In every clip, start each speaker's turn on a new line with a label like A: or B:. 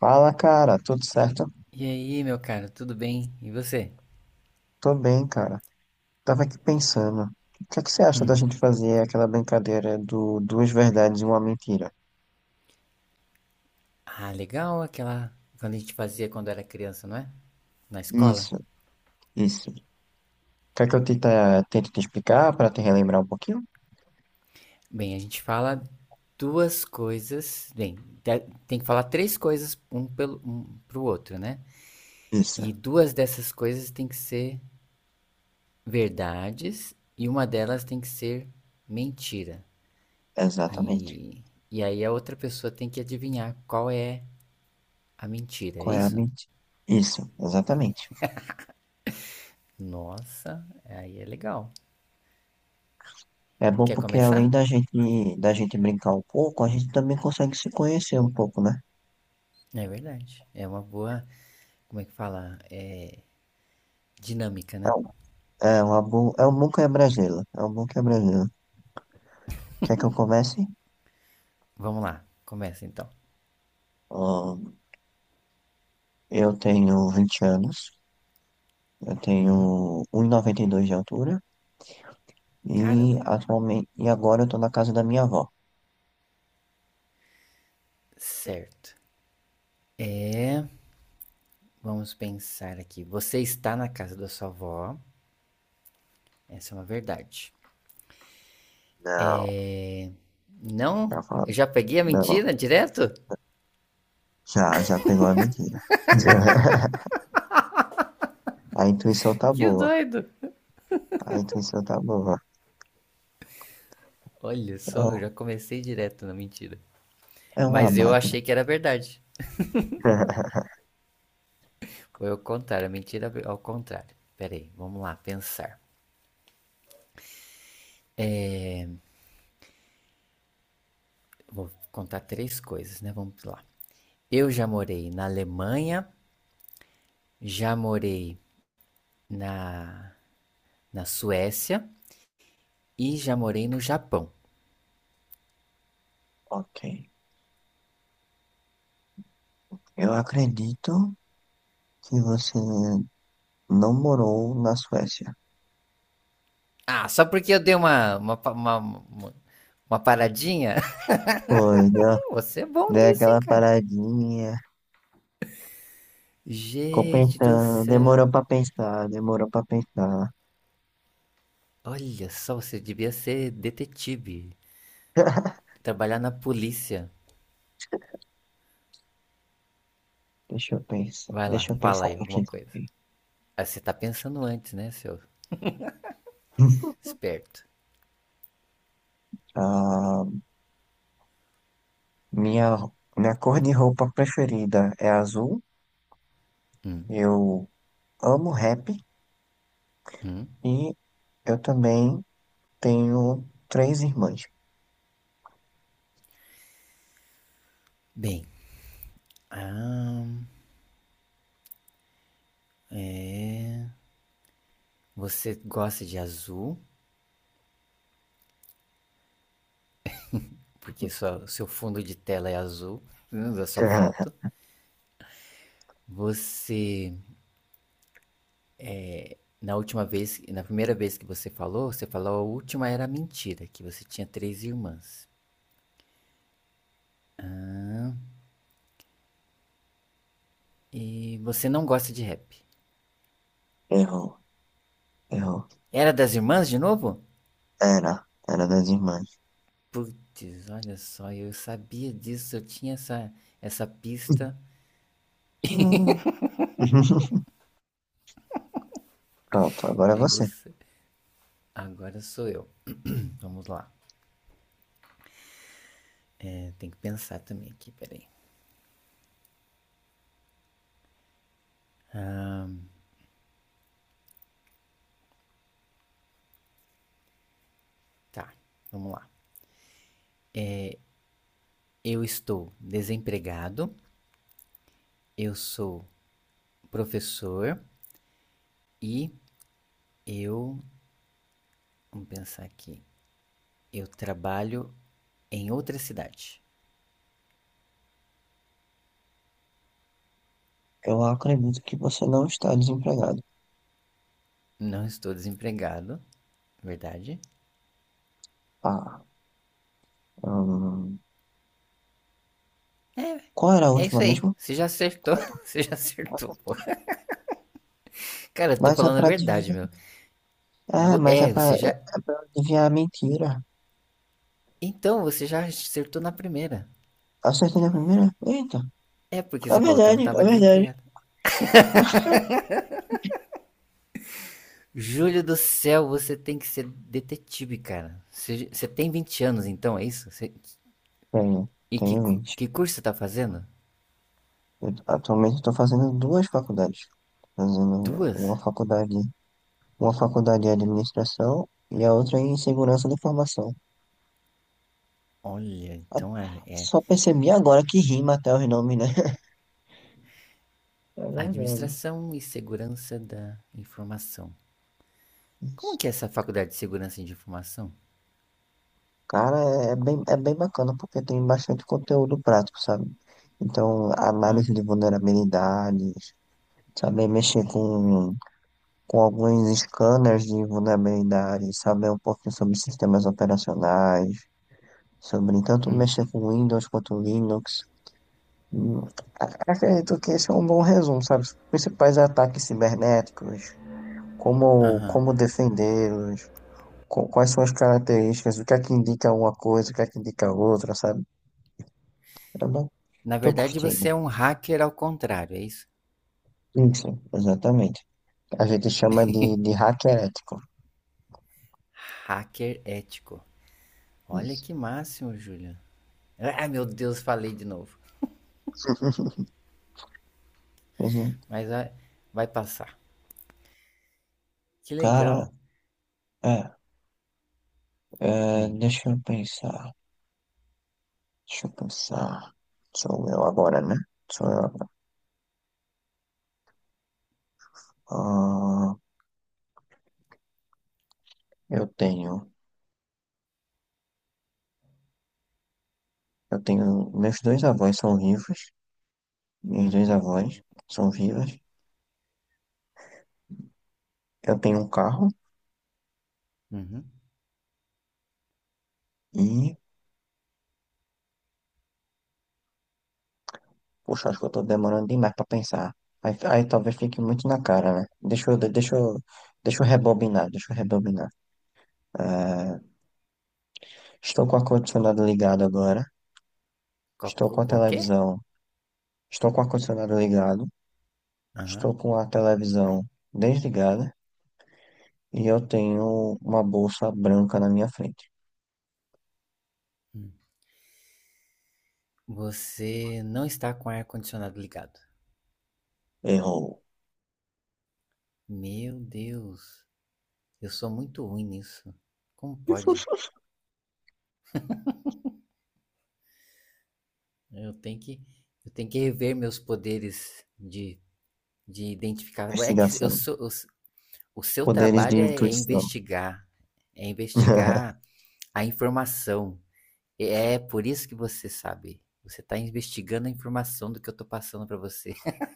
A: Fala, cara, tudo certo?
B: E aí, meu caro, tudo bem? E você?
A: Tô bem, cara. Tava aqui pensando, o que é que você acha da gente fazer aquela brincadeira do duas verdades e uma mentira?
B: Ah, legal aquela. Quando a gente fazia quando era criança, não é? Na escola?
A: Isso, isso. Quer que eu tente te explicar para te relembrar um pouquinho?
B: Bem, a gente fala duas coisas. Bem, te- tem que falar três coisas um pelo um pro outro, né? E
A: Isso,
B: duas dessas coisas tem que ser verdades e uma delas tem que ser mentira.
A: exatamente.
B: E, e aí a outra pessoa tem que adivinhar qual é a mentira, é
A: Qual é a
B: isso?
A: mentira? Isso, exatamente.
B: Nossa, aí é legal.
A: É bom
B: Quer
A: porque além
B: começar?
A: da gente, da gente brincar um pouco, a gente também consegue se conhecer um pouco, né?
B: É verdade. É uma boa, como é que fala? É dinâmica,
A: É,
B: né?
A: um- É uma boa, é um bom quebra-gelo, é um bom quebra-gelo. Quer que eu comece?
B: Vamos lá, começa então.
A: Ahn, eu tenho 20 anos. Eu tenho 1,92 de altura e
B: Caramba.
A: atualmente e agora eu tô na casa da minha avó.
B: Certo. Vamos pensar aqui. Você está na casa da sua avó. Essa é uma verdade.
A: Não,
B: É.
A: já
B: Não?
A: falou.
B: Eu já peguei a
A: Não,
B: mentira direto?
A: já pegou a medida. A intuição tá
B: Que
A: boa.
B: doido!
A: A intuição tá boa.
B: Olha só, eu
A: Oh,
B: já comecei direto na mentira.
A: é uma
B: Mas eu
A: máquina.
B: achei que era verdade. Foi ao contrário, a mentira é ao contrário. Pera aí, vamos lá, pensar. Vou contar três coisas, né? Vamos lá. Eu já morei na Alemanha, já morei na, na Suécia e já morei no Japão.
A: Ok. Eu acredito que você não morou na Suécia.
B: Ah, só porque eu dei uma, pa- uma paradinha?
A: Foi, deu,
B: Você é bom
A: deu
B: nisso, hein,
A: aquela
B: cara?
A: paradinha. Ficou
B: Gente do
A: pensando,
B: céu.
A: demorou pra pensar, demorou pra pensar.
B: Olha só, você devia ser detetive. Trabalhar na polícia.
A: Deixa eu pensar.
B: Vai lá,
A: Deixa eu
B: fala
A: pensar
B: aí alguma
A: aqui
B: coisa.
A: também.
B: Ah, você tá pensando antes, né, seu esperto?
A: Ah, minha, minha cor de roupa preferida é azul. Eu amo rap e eu também tenho três irmãs.
B: Bem, ah, você gosta de azul? Porque sua, seu fundo de tela é azul, né, da sua foto. Você, na última vez, na primeira vez que você falou a última era mentira, que você tinha três irmãs. E você não gosta de rap.
A: Errou, errou.
B: Era das irmãs de novo?
A: Era, era das irmãs.
B: Putz, olha só, eu sabia disso, eu tinha essa, pista.
A: Hum. Pronto, agora é
B: E
A: você.
B: você? Agora sou eu. Vamos lá. É, tem que pensar também aqui, peraí. Tá, vamos lá. Eu estou desempregado, eu sou professor, e eu, vamos pensar aqui, eu trabalho em outra cidade.
A: Eu acredito que você não está desempregado.
B: Não estou desempregado, verdade?
A: Ah, hum,
B: É,
A: qual era a
B: é
A: última
B: isso aí.
A: mesmo?
B: Você já acertou.
A: Qual era a
B: Você já acertou, pô.
A: última?
B: Cara, eu tô
A: Mas é
B: falando a
A: para
B: verdade, meu.
A: É, mas é
B: É,
A: pra,
B: você
A: é
B: já.
A: é pra adivinhar a mentira.
B: Então, você já acertou na primeira.
A: Acertei na primeira? Eita,
B: É porque
A: é
B: você falou que eu não
A: verdade, é
B: tava
A: verdade.
B: desempregado. Júlio do céu, você tem que ser detetive, cara. Você tem 20 anos, então, é isso?
A: Tenho,
B: E que,
A: tenho
B: cu-
A: 20.
B: que curso você tá fazendo?
A: Eu, atualmente estou fazendo duas faculdades. Fazendo
B: Duas?
A: uma faculdade de administração e a outra em segurança da informação.
B: Olha,
A: A-
B: então é
A: Só percebi agora que rima até os nomes, né? É verdade.
B: Administração e Segurança da Informação. Como
A: Isso.
B: que é essa faculdade de Segurança de Informação?
A: Cara, é bem bacana porque tem bastante conteúdo prático, sabe? Então, análise de vulnerabilidades, saber mexer com alguns scanners de vulnerabilidade, saber um pouquinho sobre sistemas operacionais, sobre tanto
B: Hum,
A: mexer com Windows quanto Linux. Hum, Acredito que esse é um bom resumo, sabe? Os principais ataques cibernéticos,
B: aham.
A: como defendê-los, quais são as características, o que é que indica uma coisa, o que é que indica outra, sabe? Eu não
B: Na
A: tô
B: verdade, você
A: curtindo.
B: é um hacker ao contrário, é isso?
A: Isso, exatamente. A gente chama de hacker ético.
B: Hacker ético. Olha
A: Isso.
B: que máximo, Júlia. Ah, meu Deus, falei de novo.
A: Pois é.
B: Mas vai passar. Que
A: Cara,
B: legal.
A: é,
B: Hum,
A: deixa eu pensar. Deixa eu pensar. Sou eu agora, né? Sou eu agora. Ah, eu tenho. Eu tenho. Meus dois avós são vivos. Meus dois
B: uhum,
A: avós são vivos. Eu tenho um carro
B: uhum.
A: e. Poxa, acho que eu tô demorando demais pra pensar. Aí talvez fique muito na cara, né? Deixa eu rebobinar, deixa eu rebobinar. Ah, estou com o ar-condicionado ligado agora.
B: Co-
A: Estou com
B: co-
A: a
B: Com o quê?
A: televisão. Estou com o ar-condicionado ligado. Estou
B: Aham.
A: com a televisão desligada. E eu tenho uma bolsa branca na minha frente.
B: Hum. Você não está com o ar-condicionado ligado.
A: Errou.
B: Meu Deus, eu sou muito ruim nisso. Como pode? Eu tenho que, eu tenho que rever meus poderes de, identificar. É que eu
A: Investigação.
B: sou, eu o seu
A: Poderes de
B: trabalho
A: intuição.
B: é investigar a informação. É por isso que você sabe. Você está investigando a informação do que eu tô passando para você.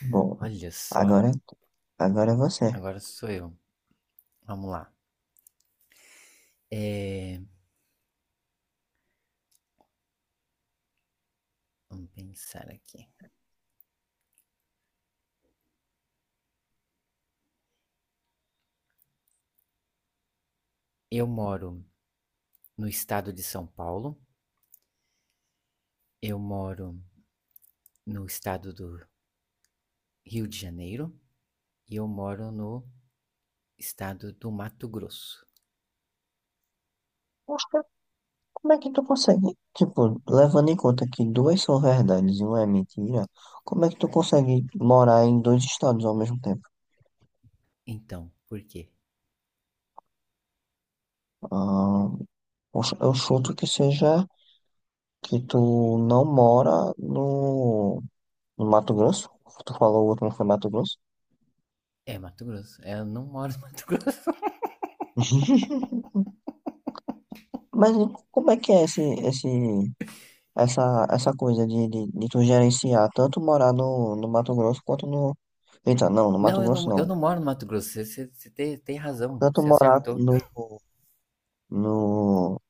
A: Bom,
B: Olha só,
A: agora, agora é você.
B: agora sou eu. Vamos lá. É, vamos pensar aqui. Eu moro no estado de São Paulo. Eu moro no estado do Rio de Janeiro. E eu moro no estado do Mato Grosso.
A: Poxa, como é que tu consegue? Tipo, levando em conta que duas são verdades e uma é mentira, como é que tu consegue morar em dois estados ao mesmo tempo?
B: Então, por quê?
A: Ah, poxa, eu chuto que seja que tu não mora no Mato Grosso. Tu falou o último foi Mato Grosso?
B: É Mato Grosso. Eu não moro no Mato Grosso.
A: Mas e como é que é esse, essa coisa de tu gerenciar tanto morar no Mato Grosso quanto no. Eita, não, no Mato
B: Não, eu
A: Grosso
B: não,
A: não.
B: eu não moro no Mato Grosso. Você tem razão.
A: Tanto
B: Você
A: morar
B: acertou.
A: no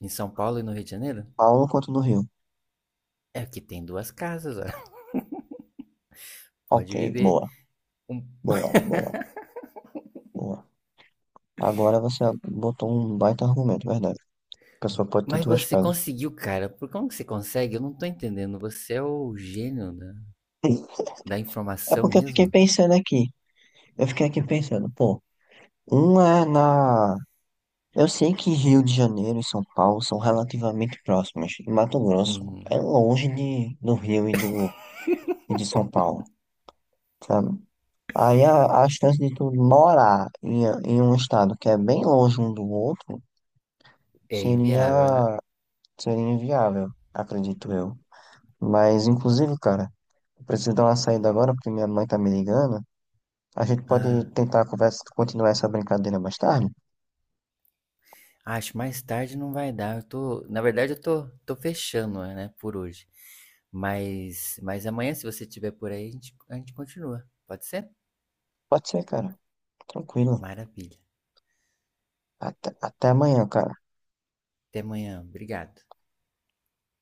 B: Em São Paulo e no Rio de Janeiro?
A: Paulo quanto no Rio.
B: É que tem duas casas, ó.
A: Ok,
B: Pode viver. Um-
A: boa, boa, boa. Agora você botou um baita argumento, verdade. A pessoa pode ter
B: Mas
A: duas
B: você
A: casas.
B: conseguiu, cara. Por Como que você consegue? Eu não tô entendendo. Você é o gênio da, da
A: É
B: informação
A: porque eu fiquei
B: mesmo?
A: pensando aqui. Eu fiquei aqui pensando, pô, um é na. Eu sei que Rio de Janeiro e São Paulo são relativamente próximas. E Mato Grosso
B: Hum,
A: é longe do Rio e de São Paulo, sabe? Aí a chance de tu morar em um estado que é bem longe um do outro
B: é inviável, né?
A: seria, seria inviável, acredito eu. Mas, inclusive, cara, eu preciso dar uma saída agora porque minha mãe tá me ligando. A gente pode
B: Ah,
A: tentar conversa, continuar essa brincadeira mais tarde?
B: acho mais tarde não vai dar. Na verdade, eu tô fechando, né, por hoje. Mas amanhã, se você estiver por aí, a gente continua. Pode ser?
A: Pode ser, cara. Tranquilo.
B: Maravilha.
A: Até amanhã, cara.
B: Até amanhã. Obrigado.